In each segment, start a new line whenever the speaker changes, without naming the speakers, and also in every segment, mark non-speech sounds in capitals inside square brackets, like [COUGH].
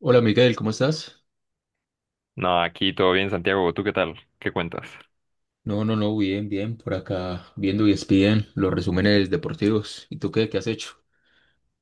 Hola Miguel, ¿cómo estás?
No, aquí todo bien, Santiago. ¿Tú qué tal? ¿Qué cuentas?
No, no, no, bien, bien, por acá viendo y ESPN, los resúmenes deportivos. ¿Y tú qué has hecho?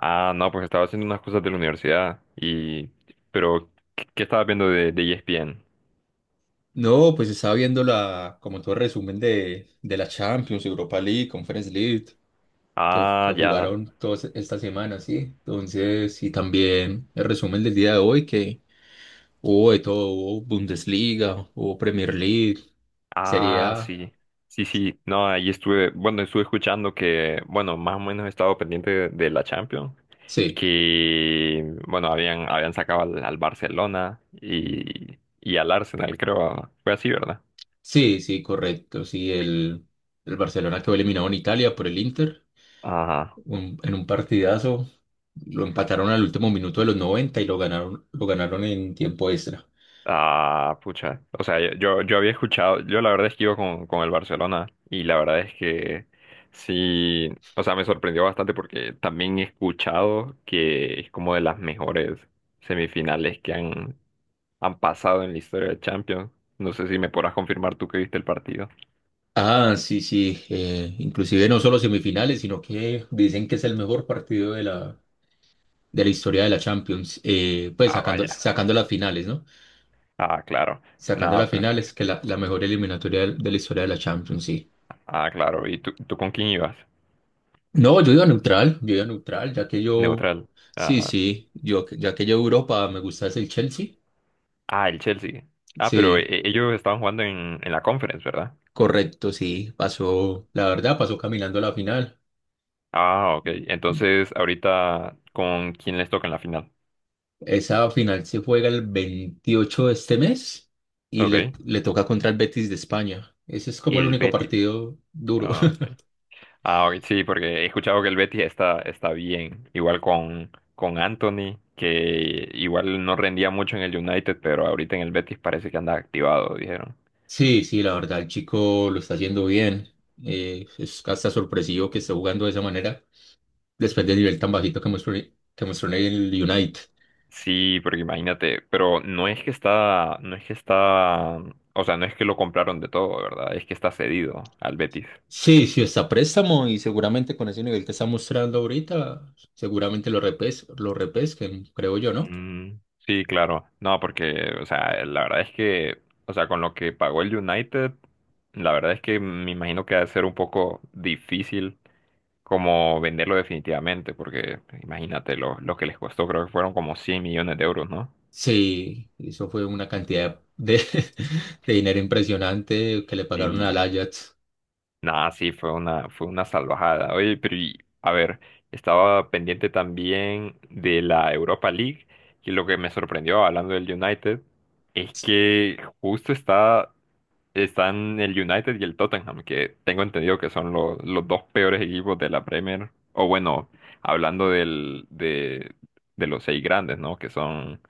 Ah, no, pues estaba haciendo unas cosas de la universidad y... Pero, ¿qué, qué estabas viendo de ESPN?
No, pues estaba viendo como todo el resumen de la Champions, Europa League, Conference League, que,
Ah,
que
ya.
jugaron todas esta semana, ¿sí? Entonces, y también el resumen del día de hoy, que hubo de todo, hubo Bundesliga, hubo Premier League, Serie
Ah,
A,
sí. Sí, sí. No, ahí estuve... Bueno, estuve escuchando que... Bueno, más o menos he estado pendiente de la Champions.
sí,
Que... Bueno, habían sacado al Barcelona y al Arsenal, creo. Fue así, ¿verdad?
sí, sí, correcto, sí, el Barcelona quedó eliminado en Italia por el Inter.
Ajá.
En un partidazo. Lo empataron al último minuto de los 90 y lo ganaron en tiempo extra.
Ah, pucha. O sea, yo había escuchado, yo la verdad es que iba con el Barcelona y la verdad es que sí, o sea, me sorprendió bastante porque también he escuchado que es como de las mejores semifinales que han pasado en la historia de Champions. No sé si me podrás confirmar tú que viste el partido.
Ah, sí, sí. Inclusive no solo semifinales, sino que dicen que es el mejor partido de la historia de la Champions. Pues
Ah,
sacando,
vaya.
sacando las finales, ¿no?
Ah, claro.
Sacando
Nada,
las
pues.
finales, que la mejor eliminatoria de la historia de la Champions, sí.
Ah, claro. ¿Y tú con quién ibas?
No, yo iba neutral,
Neutral.
sí,
Ah,
sí, ya que yo Europa me gusta es el Chelsea,
ah, el Chelsea. Ah, pero
sí.
ellos estaban jugando en la Conference, ¿verdad?
Correcto, sí, pasó, la verdad, pasó caminando a la final.
Ah, ok. Entonces, ahorita, ¿con quién les toca en la final?
Esa final se juega el 28 de este mes y
Ok.
le toca contra el Betis de España. Ese es como el
El
único
Betis.
partido duro.
Ah,
[LAUGHS]
ok. Ah, ok, sí, porque he escuchado que el Betis está, está bien. Igual con Anthony, que igual no rendía mucho en el United, pero ahorita en el Betis parece que anda activado, dijeron.
Sí, sí, la verdad, el chico lo está haciendo bien. Es hasta sorpresivo que esté jugando de esa manera, después del nivel tan bajito que mostró, en el United.
Sí, porque imagínate, pero no es que está, o sea, no es que lo compraron de todo, ¿verdad? Es que está cedido al Betis.
Sí, sí, está a préstamo y seguramente con ese nivel que está mostrando ahorita, seguramente lo repesquen, creo yo, ¿no?
Mm, sí, claro. No, porque, o sea, la verdad es que, o sea, con lo que pagó el United, la verdad es que me imagino que ha de ser un poco difícil como venderlo definitivamente, porque imagínate lo que les costó, creo que fueron como 100 millones de euros, ¿no?
Sí, eso fue una cantidad de, [LAUGHS] de dinero impresionante que le pagaron al
Y
Ajax
nada, sí, fue una salvajada. Oye, pero a ver, estaba pendiente también de la Europa League, y lo que me sorprendió hablando del United es que justo está. Están el United y el Tottenham, que tengo entendido que son los dos peores equipos de la Premier. O bueno, hablando de los seis grandes, ¿no? Que son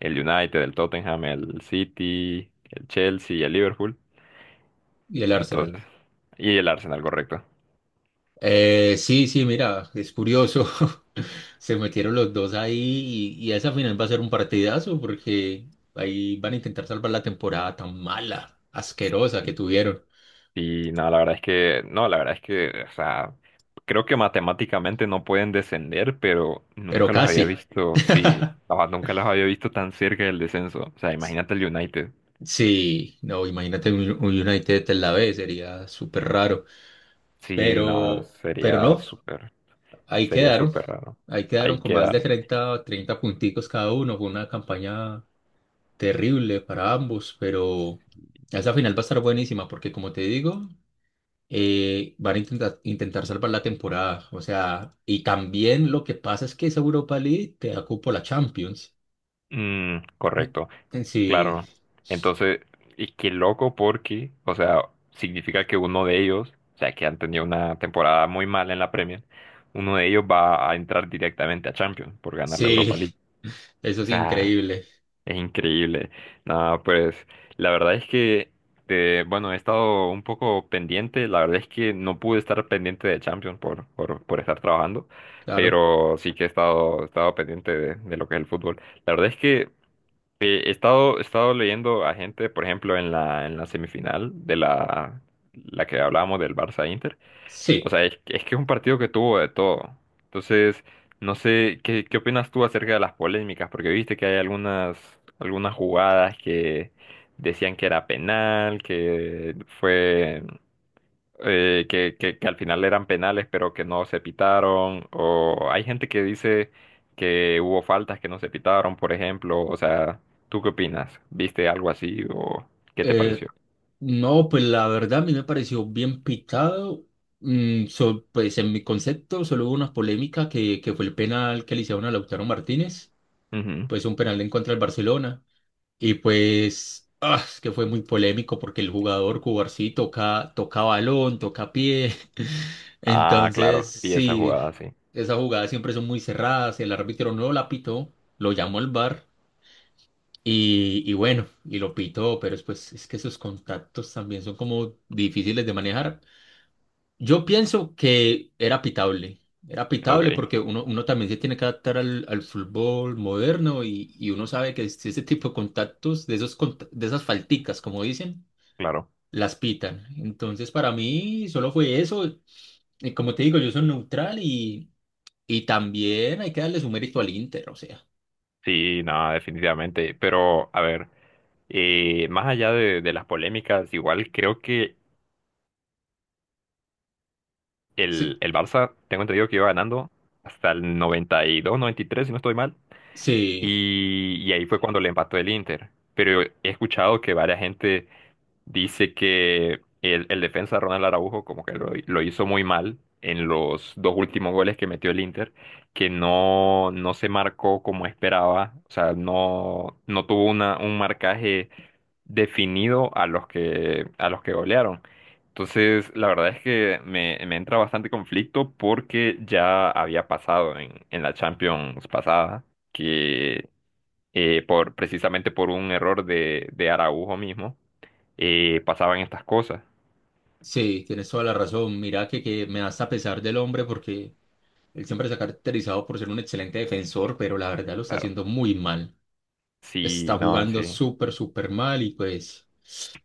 el United, el Tottenham, el City, el Chelsea y el Liverpool.
y al Arsenal.
Entonces, y el Arsenal, correcto.
Sí, sí, mira, es curioso. [LAUGHS] Se metieron los dos ahí y esa final va a ser un partidazo porque ahí van a intentar salvar la temporada tan mala, asquerosa que
Y,
tuvieron,
y no, la verdad es que, no, la verdad es que, o sea, creo que matemáticamente no pueden descender, pero
pero
nunca los había
casi.
visto,
[LAUGHS]
sí, o sea, nunca los había visto tan cerca del descenso. O sea, imagínate el United.
Sí, no, imagínate un United en la B, sería súper raro,
Sí, no,
pero, pero no, Ahí
sería
quedaron,
súper raro.
ahí quedaron
Ahí
con más de
quedaron.
treinta punticos cada uno. Fue una campaña terrible para ambos, pero esa final va a estar buenísima porque, como te digo, van a intentar salvar la temporada. O sea, y también lo que pasa es que esa Europa League te da cupo a la Champions.
Mm, correcto,
Sí,
claro. Entonces, y qué loco porque, o sea, significa que uno de ellos, o sea, que han tenido una temporada muy mala en la Premier, uno de ellos va a entrar directamente a Champions por ganar la Europa
sí,
League.
eso
O
es
sea,
increíble,
es increíble. Nada, pues la verdad es que, bueno, he estado un poco pendiente. La verdad es que no pude estar pendiente de Champions por estar trabajando,
claro.
pero sí que he estado pendiente de lo que es el fútbol. La verdad es que he estado leyendo a gente, por ejemplo, en la semifinal de la que hablábamos del Barça-Inter. O
Sí,
sea, es que es un partido que tuvo de todo. Entonces, no sé, ¿qué, qué opinas tú acerca de las polémicas? Porque viste que hay algunas, algunas jugadas que decían que era penal, que fue, que al final eran penales, pero que no se pitaron. O hay gente que dice que hubo faltas que no se pitaron, por ejemplo. O sea, ¿tú qué opinas? ¿Viste algo así o qué te
eh,
pareció?
no, pues la verdad a mí me pareció bien pitado. Pues en mi concepto solo hubo una polémica que fue el penal que le hicieron a Lautaro Martínez,
Ujú.
pues un penal en contra del Barcelona. Y pues ah, es que fue muy polémico porque el jugador Cubarsí sí toca, toca balón, toca pie. [LAUGHS]
Ah,
Entonces,
claro, y esa
sí,
jugada, sí.
esas jugadas siempre son muy cerradas. El árbitro no la pitó, lo llamó al VAR. Y bueno, y lo pitó, pero después es que esos contactos también son como difíciles de manejar. Yo pienso que era pitable
Ok,
porque uno también se tiene que adaptar al fútbol moderno y uno sabe que ese tipo de contactos, de esos, de esas falticas, como dicen,
claro.
las pitan. Entonces, para mí solo fue eso. Y como te digo, yo soy neutral y también hay que darle su mérito al Inter, o sea.
Sí, no, definitivamente. Pero, a ver, más allá de las polémicas, igual creo que el,
Sí,
el Barça, tengo entendido que iba ganando hasta el 90, 92, 93, si no estoy mal.
sí.
Y ahí fue cuando le empató el Inter. Pero he escuchado que varias gente dice que el defensa Ronald Araujo como que lo hizo muy mal en los dos últimos goles que metió el Inter, que no se marcó como esperaba, o sea, no tuvo una, un marcaje definido a los que golearon. Entonces, la verdad es que me entra bastante conflicto porque ya había pasado en la Champions pasada, que por, precisamente por un error de Araujo mismo, pasaban estas cosas.
Sí, tienes toda la razón. Mira que me da hasta pesar del hombre porque él siempre se ha caracterizado por ser un excelente defensor, pero la verdad lo está
Claro.
haciendo muy mal.
Sí,
Está
no,
jugando
sí,
súper, súper mal y pues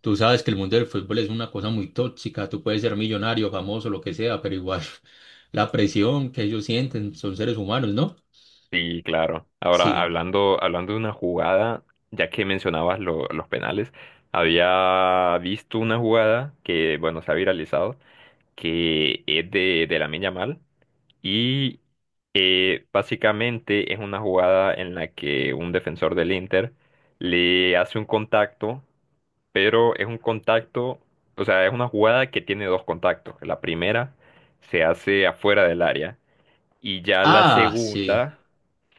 tú sabes que el mundo del fútbol es una cosa muy tóxica. Tú puedes ser millonario, famoso, lo que sea, pero igual [LAUGHS] la presión que ellos sienten son seres humanos, ¿no?
sí, claro. Ahora,
Sí.
hablando de una jugada, ya que mencionabas los penales, había visto una jugada que, bueno, se ha viralizado que es de Lamine Yamal y básicamente es una jugada en la que un defensor del Inter le hace un contacto, pero es un contacto, o sea, es una jugada que tiene dos contactos. La primera se hace afuera del área y ya la
Ah, sí.
segunda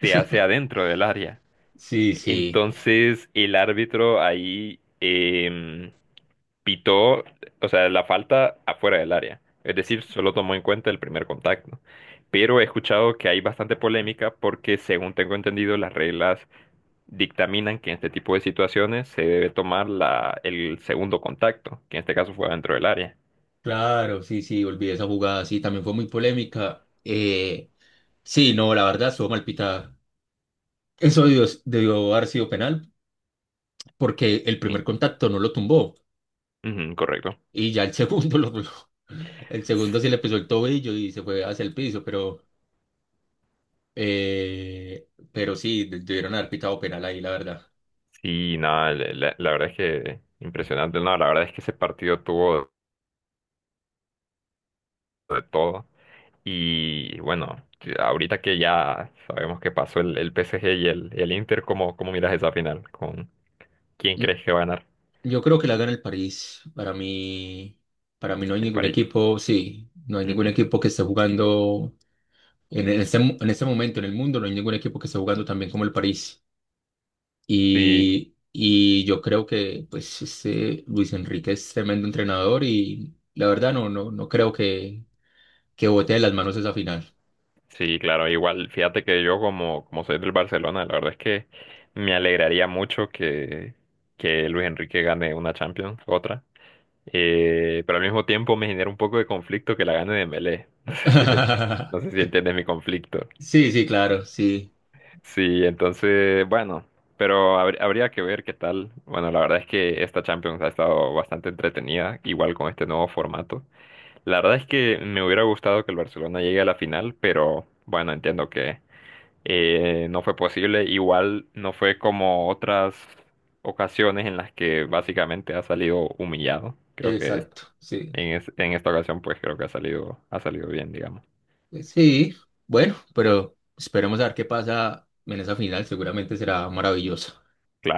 se hace
[LAUGHS]
adentro del área.
Sí, sí,
Entonces el árbitro ahí... pitó, o sea, la falta afuera del área. Es decir, solo tomó en cuenta el primer contacto. Pero he escuchado que hay bastante polémica porque, según tengo entendido, las reglas dictaminan que en este tipo de situaciones se debe tomar el segundo contacto, que en este caso fue dentro del área.
claro, sí, sí, olvidé esa jugada, sí, también fue muy polémica. Sí, no, la verdad, estuvo mal pitada. Eso debió haber sido penal, porque el primer
Sí.
contacto no lo tumbó,
Ujú, correcto.
y ya el segundo [LAUGHS] el segundo sí le pisó el tobillo y se fue hacia el piso, pero sí, debieron haber pitado penal ahí, la verdad.
Sí, nada, la verdad es que impresionante. No, la verdad es que ese partido tuvo de todo. Y bueno, ahorita que ya sabemos que pasó el PSG y el Inter, ¿cómo, cómo miras esa final? ¿Con quién
Mm,
crees que va a ganar?
Yo creo que la gana el París. Para mí no hay
El
ningún
París.
equipo, sí, no hay ningún
Ujú.
equipo que esté jugando en este momento en el mundo, no hay ningún equipo que esté jugando también como el París.
Sí,
Y yo creo que pues este Luis Enrique es tremendo entrenador y la verdad no, no, no creo que bote de las manos esa final.
sí, claro, igual, fíjate que yo como, como soy del Barcelona, la verdad es que me alegraría mucho que Luis Enrique gane una Champions, otra. Pero al mismo tiempo me genera un poco de conflicto que la gane Dembélé. [LAUGHS] No sé no sé
[LAUGHS]
si entiendes mi conflicto.
Sí, sí, claro, sí,
Sí, entonces, bueno, pero habría que ver qué tal. Bueno, la verdad es que esta Champions ha estado bastante entretenida, igual con este nuevo formato. La verdad es que me hubiera gustado que el Barcelona llegue a la final, pero bueno, entiendo que no fue posible. Igual no fue como otras ocasiones en las que básicamente ha salido humillado. Creo que
exacto, sí,
en esta ocasión, pues creo que ha salido bien, digamos.
pues sí, bueno, pero esperemos a ver qué pasa en esa final, seguramente será maravillosa.
Claro.